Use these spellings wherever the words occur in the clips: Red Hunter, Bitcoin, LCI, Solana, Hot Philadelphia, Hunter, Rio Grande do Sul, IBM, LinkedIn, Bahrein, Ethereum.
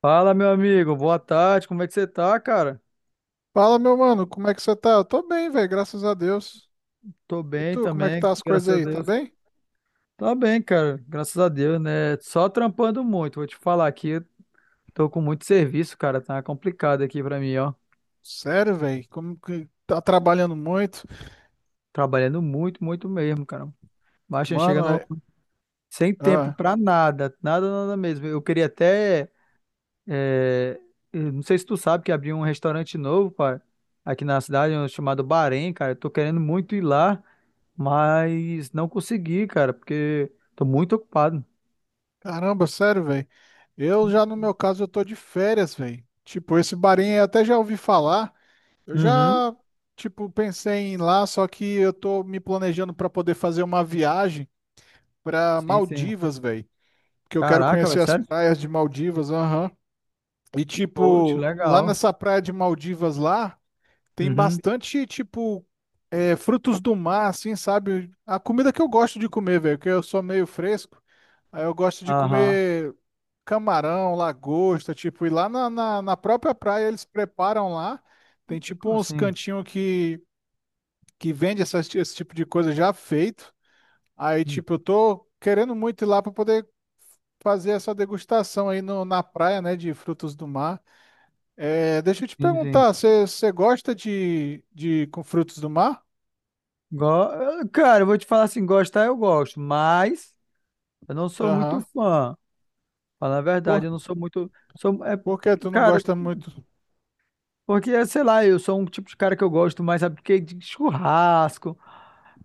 Fala, meu amigo. Boa tarde. Como é que você tá, cara? Fala, meu mano, como é que você tá? Eu tô bem, velho, graças a Deus. Tô E bem tu, como é que também, tá as coisas graças a aí? Tá Deus. bem? Tá bem, cara. Graças a Deus, né? Só trampando muito. Vou te falar aqui, eu tô com muito serviço, cara. Tá complicado aqui pra mim, ó. Sério, velho? Como que tá trabalhando muito? Trabalhando muito, muito mesmo, cara. Baixa chega Mano, no... sem tempo ah, pra nada. Nada, nada mesmo. Eu queria até É, eu não sei se tu sabe que abriu um restaurante novo, pá, aqui na cidade, um chamado Bahrein, cara. Eu tô querendo muito ir lá, mas não consegui, cara, porque tô muito ocupado. caramba, sério, velho. Eu já, no meu caso, Eu tô de férias, velho. Tipo, esse barinho eu até já ouvi falar. Eu Uhum. já, tipo, pensei em ir lá, só que eu tô me planejando pra poder fazer uma viagem pra Sim, sim. Maldivas, velho. Porque eu quero Caraca, conhecer velho, as sério? praias de Maldivas, aham. E Poxa, tipo, lá legal. nessa praia de Maldivas lá, tem Uhum. bastante, tipo, é, frutos do mar, assim, sabe? A comida que eu gosto de comer, velho, que eu sou meio fresco. Aí eu gosto de Aham. comer camarão, lagosta, tipo, e lá na própria praia eles preparam lá. Tem, tipo, uns Assim. cantinhos que, vende esse tipo de coisa já feito. Aí, Hum. tipo, eu tô querendo muito ir lá pra poder fazer essa degustação aí no, na praia, né, de frutos do mar. É, deixa eu te Sim, sim. perguntar, você gosta de com frutos do mar? Cara, eu vou te falar assim, gostar eu gosto, mas eu não sou muito Aham. fã. Falar a verdade, Por, eu não sou muito. Sou... É... por que tu não Cara, gosta muito? porque, sei lá, eu sou um tipo de cara que eu gosto mais, sabe, porque de churrasco,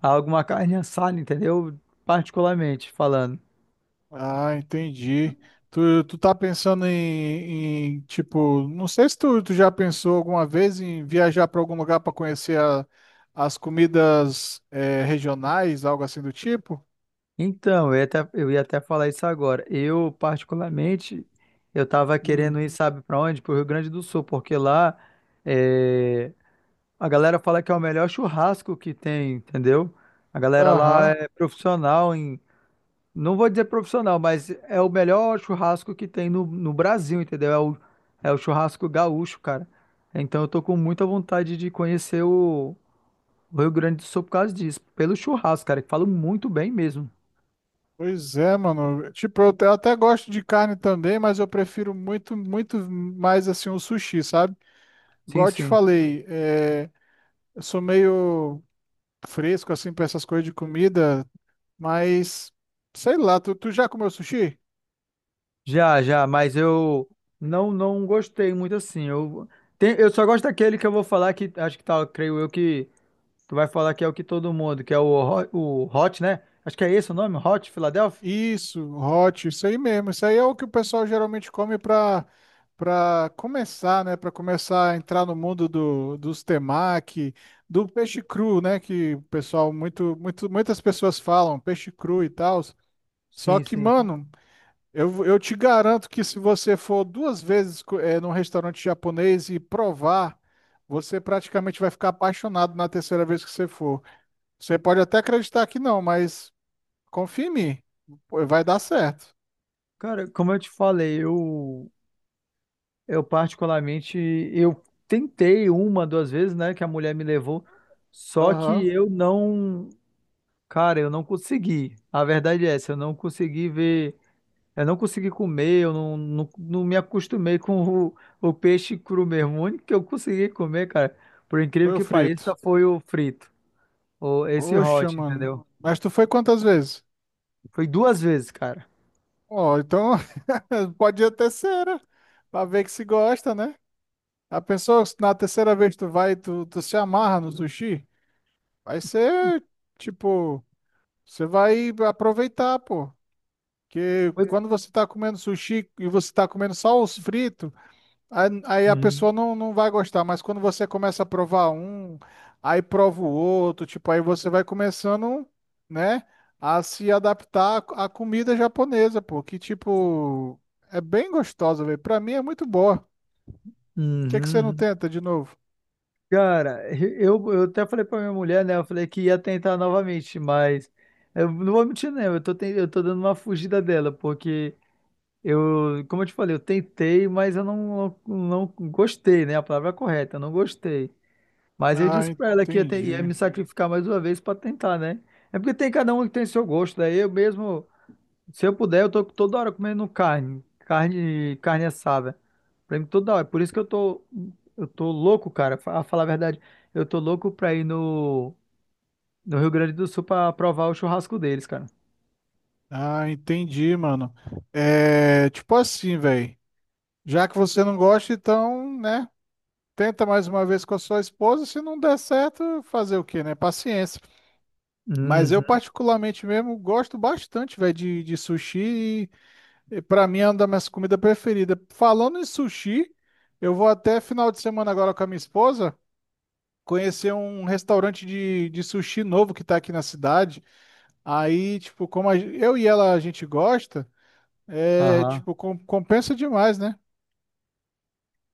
alguma carne assada, entendeu? Particularmente falando. Ah, entendi. Tu tá pensando tipo, não sei se tu, tu já pensou alguma vez em viajar para algum lugar para conhecer as comidas regionais, algo assim do tipo? Então, eu ia até falar isso agora. Eu, particularmente, eu tava querendo Hum. ir, sabe pra onde? Pro Rio Grande do Sul, porque lá é, a galera fala que é o melhor churrasco que tem, entendeu? A galera lá Aham. é profissional em não vou dizer profissional, mas é o melhor churrasco que tem no Brasil, entendeu? É o churrasco gaúcho, cara. Então eu tô com muita vontade de conhecer o Rio Grande do Sul por causa disso. Pelo churrasco, cara, que falo muito bem mesmo. Pois é, mano. Tipo, eu até gosto de carne também, mas eu prefiro muito, muito mais assim o sushi, sabe? Sim, Igual eu te sim. falei, eu sou meio fresco assim para essas coisas de comida. Mas, sei lá, tu já comeu sushi? Já, já, mas eu não gostei muito assim. Eu só gosto daquele que eu vou falar que acho que tá, creio eu que tu vai falar que é o que todo mundo, que é o Hot, né? Acho que é esse o nome, Hot Philadelphia? Isso, hot, isso aí mesmo. Isso aí é o que o pessoal geralmente come para começar, né? Para começar a entrar no mundo dos temaki, do peixe cru, né? Que o pessoal, muitas pessoas falam, peixe cru e tal. Só Sim, que, sim. mano, eu te garanto que se você for duas vezes num restaurante japonês e provar, você praticamente vai ficar apaixonado na terceira vez que você for. Você pode até acreditar que não, mas confia em mim. Pô, vai dar certo. Cara, como eu te falei, eu particularmente, eu tentei uma, duas vezes, né, que a mulher me levou, só que Aham. eu não, cara, eu não consegui. A verdade é essa, eu não consegui ver, eu não consegui comer, eu não, não, não me acostumei com o peixe cru mesmo. O único que eu consegui comer, cara, por incrível Foi o que pareça, frito. foi o frito, ou esse Poxa, hot, mano. entendeu? Mas tu foi quantas vezes? Foi duas vezes, cara. Ó, então pode ir a terceira. Pra ver que se gosta, né? A pessoa, se na terceira vez tu vai, tu se amarra no sushi. Vai ser, tipo, você vai aproveitar, pô. Porque Foi... quando você tá comendo sushi e você tá comendo só os fritos. Aí a Uhum. pessoa não, não vai gostar, mas quando você começa a provar um, aí prova o outro, tipo, aí você vai começando, né, a se adaptar à comida japonesa, pô, que tipo, é bem gostosa, velho. Pra mim é muito boa. O que que você não Uhum. tenta de novo? Cara, eu até falei pra minha mulher, né? Eu falei que ia tentar novamente, mas eu não vou mentir, né? Eu tô dando uma fugida dela, porque eu, como eu te falei, eu tentei, mas eu não, não, não gostei, né? A palavra é correta, eu não gostei. Mas eu Ah, disse pra ela que ia entendi. me sacrificar mais uma vez pra tentar, né? É porque tem cada um que tem seu gosto, daí eu mesmo. Se eu puder, eu tô toda hora comendo carne, carne, carne assada. Pra mim, toda hora. Por isso que eu tô louco, cara, fa- a falar a verdade. Eu tô louco pra ir no Rio Grande do Sul pra provar o churrasco deles, cara. Ah, entendi, mano. É, tipo assim, velho. Já que você não gosta, então, né, tenta mais uma vez com a sua esposa, se não der certo, fazer o quê, né? Paciência. Mas eu Uhum. particularmente mesmo gosto bastante, velho, de sushi e pra mim é uma das minhas comidas preferidas. Falando em sushi, eu vou até final de semana agora com a minha esposa conhecer um restaurante de sushi novo que tá aqui na cidade. Aí, tipo, como eu e ela a gente gosta, é, Aham. tipo, compensa demais, né?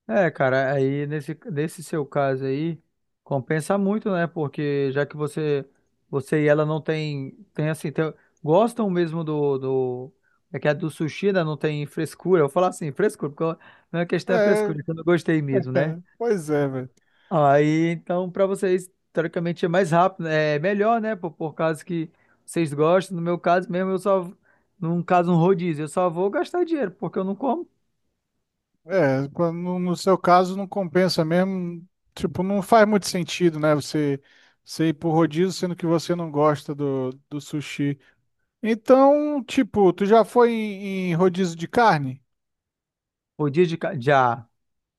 É, cara, aí nesse seu caso aí, compensa muito, né? Porque já que você, você e ela não tem, tem assim, tem- gostam mesmo é que é do sushi, né? Não tem frescura. Eu vou falar assim, frescura, porque eu- minha questão é É, frescura, é que eu não gostei mesmo, né? pois é, velho. Aí, então, pra vocês, teoricamente é mais rápido, né? É melhor, né? Por causa que vocês gostam. No meu caso mesmo, num caso, um rodízio, eu só vou gastar dinheiro, porque eu não como É, no seu caso não compensa mesmo, tipo, não faz muito sentido, né? Você ir pro rodízio sendo que você não gosta do sushi. Então, tipo, tu já foi em rodízio de carne? rodízio de, ca- de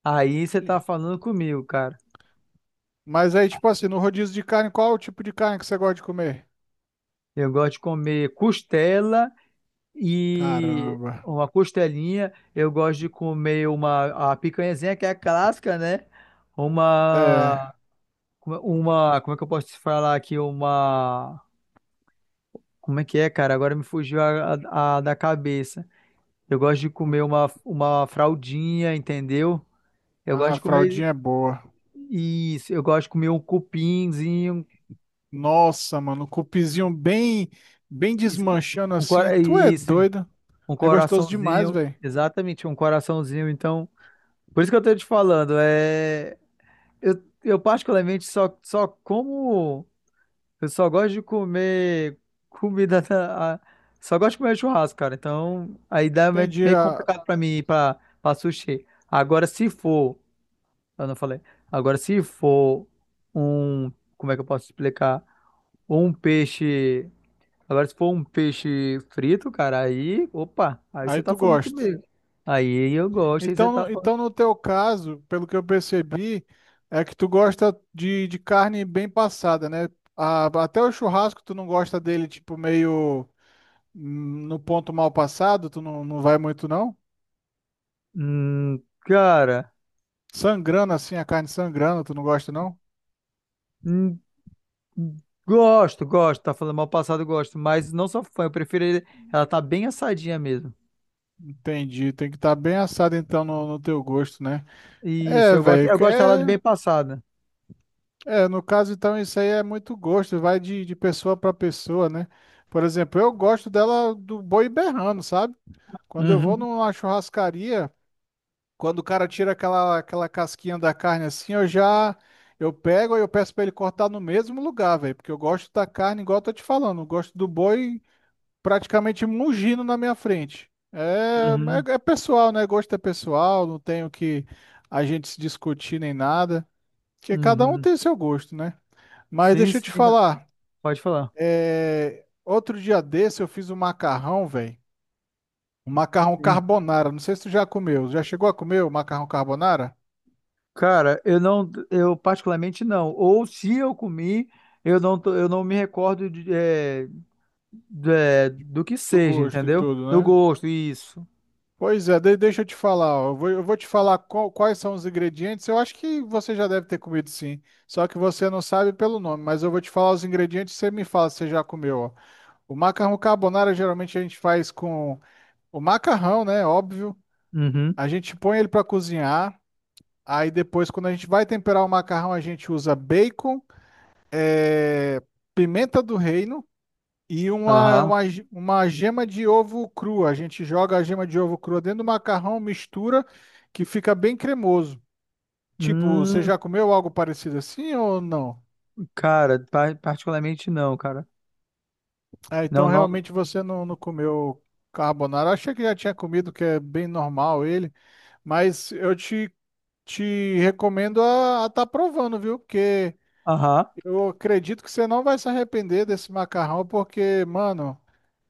Aí você Sim. tá falando comigo, cara. Mas aí, tipo assim, no rodízio de carne, qual o tipo de carne que você gosta de comer? Eu gosto de comer costela e Caramba. uma costelinha. Eu gosto de comer uma a picanhazinha que é a clássica, né? É, Uma uma, como é que eu posso te falar aqui? Uma, como é que é, cara? Agora me fugiu a da cabeça. Eu gosto de comer uma fraldinha, entendeu? Eu gosto a de comer fraldinha é boa. isso. Eu gosto de comer um cupinzinho. Nossa, mano, o cupizinho bem, bem Isso, desmanchando assim. Tu é isso. doido. Um É gostoso demais, coraçãozinho, velho. exatamente, um coraçãozinho. Então, por isso que eu tô te falando, é, eu particularmente só como, eu só gosto de comer comida, só gosto de comer churrasco, cara. Então, aí dá meio, Entendi. meio a- complicado pra mim ir pra, pra sushi. Agora, se for, eu não falei, agora se for um, como é que eu posso explicar? Um peixe. Agora, se for um peixe frito, cara, aí, opa, aí você Aí tá tu falando gosta. comigo. Aí eu gosto, aí você tá Então, falando. então, no teu caso, pelo que eu percebi, é que tu gosta de carne bem passada, né? Até o churrasco tu não gosta dele, tipo, meio no ponto mal passado, tu não, não vai muito, não? Cara, Sangrando assim, a carne sangrando, tu não gosta, não? hum, gosto, gosto, tá falando mal passado, gosto, mas não sou fã, eu prefiro ela tá bem assadinha mesmo. Entendi, tem que estar bem assado então no teu gosto, né? Isso, É, velho, eu gosto dela de é, bem passada. é, no caso então isso aí é muito gosto, vai de pessoa para pessoa, né? Por exemplo, eu gosto dela do boi berrando, sabe? Quando eu vou Uhum, numa churrascaria, quando o cara tira aquela, aquela casquinha da carne assim, eu pego e eu peço pra ele cortar no mesmo lugar, velho, porque eu gosto da carne igual eu tô te falando, eu gosto do boi praticamente mugindo na minha frente. Uhum, É pessoal, né? Gosto é pessoal, não tenho que a gente se discutir nem nada, porque cada um uhum. tem seu gosto, né? Mas Sim, deixa eu sim, te cara. falar, Pode falar. é, outro dia desse eu fiz um macarrão, velho. O macarrão Sim. carbonara. Não sei se tu já comeu. Já chegou a comer o macarrão carbonara? Cara, eu particularmente não. Ou se eu comi, eu não me recordo de, é, é, do que Do seja, gosto e entendeu? tudo, Do né? gosto, isso. Pois é, deixa eu te falar, ó. Eu vou te falar quais são os ingredientes. Eu acho que você já deve ter comido sim. Só que você não sabe pelo nome, mas eu vou te falar os ingredientes e você me fala se você já comeu, ó. O macarrão carbonara geralmente a gente faz com o macarrão, né? Óbvio. Uhum. A gente põe ele para cozinhar. Aí depois, quando a gente vai temperar o macarrão, a gente usa bacon, eh, pimenta do reino. E Aham. Uma gema de ovo crua. A gente joga a gema de ovo crua dentro do macarrão, mistura, que fica bem cremoso. Tipo, você Hum, já comeu algo parecido assim ou não? cara, particularmente não, cara. Ah, então Não, não. realmente você não, não comeu carbonara. Achei que já tinha comido, que é bem normal ele. Mas eu te recomendo a estar provando, viu? Porque Aham. eu acredito que você não vai se arrepender desse macarrão, porque, mano.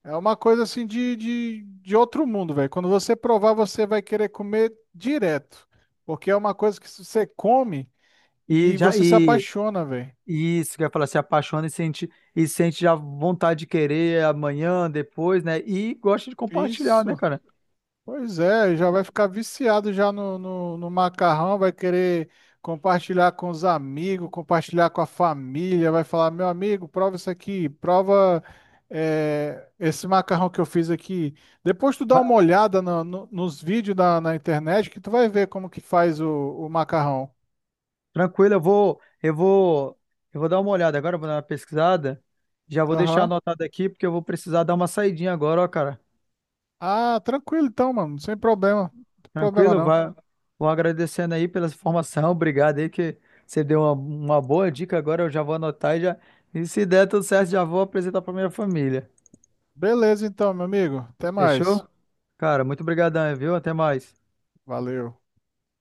É uma coisa assim de outro mundo, velho. Quando você provar, você vai querer comer direto. Porque é uma coisa que você come E e já você se apaixona, velho. e isso quer falar, se apaixona e sente já vontade de querer amanhã, depois, né? E gosta de compartilhar, né, Isso. cara? Pois é, já vai ficar viciado já no macarrão, vai querer compartilhar com os amigos, compartilhar com a família, vai falar, meu amigo, prova isso aqui, prova esse macarrão que eu fiz aqui. Depois tu dá Va- uma olhada nos vídeos na internet que tu vai ver como que faz o macarrão. tranquilo, eu vou dar uma olhada agora, vou dar uma pesquisada. Já vou deixar Aham. anotado aqui porque eu vou precisar dar uma saidinha agora, ó, cara. Ah, tranquilo então, mano, sem problema. Não tem problema Tranquilo, não. vai, vou agradecendo aí pela informação, obrigado aí que você deu uma boa dica agora, eu já vou anotar e já, e se der tudo certo, já vou apresentar para minha família. Beleza então, meu amigo. Até mais. Fechou? Cara, muito obrigadão, viu? Até mais. Valeu.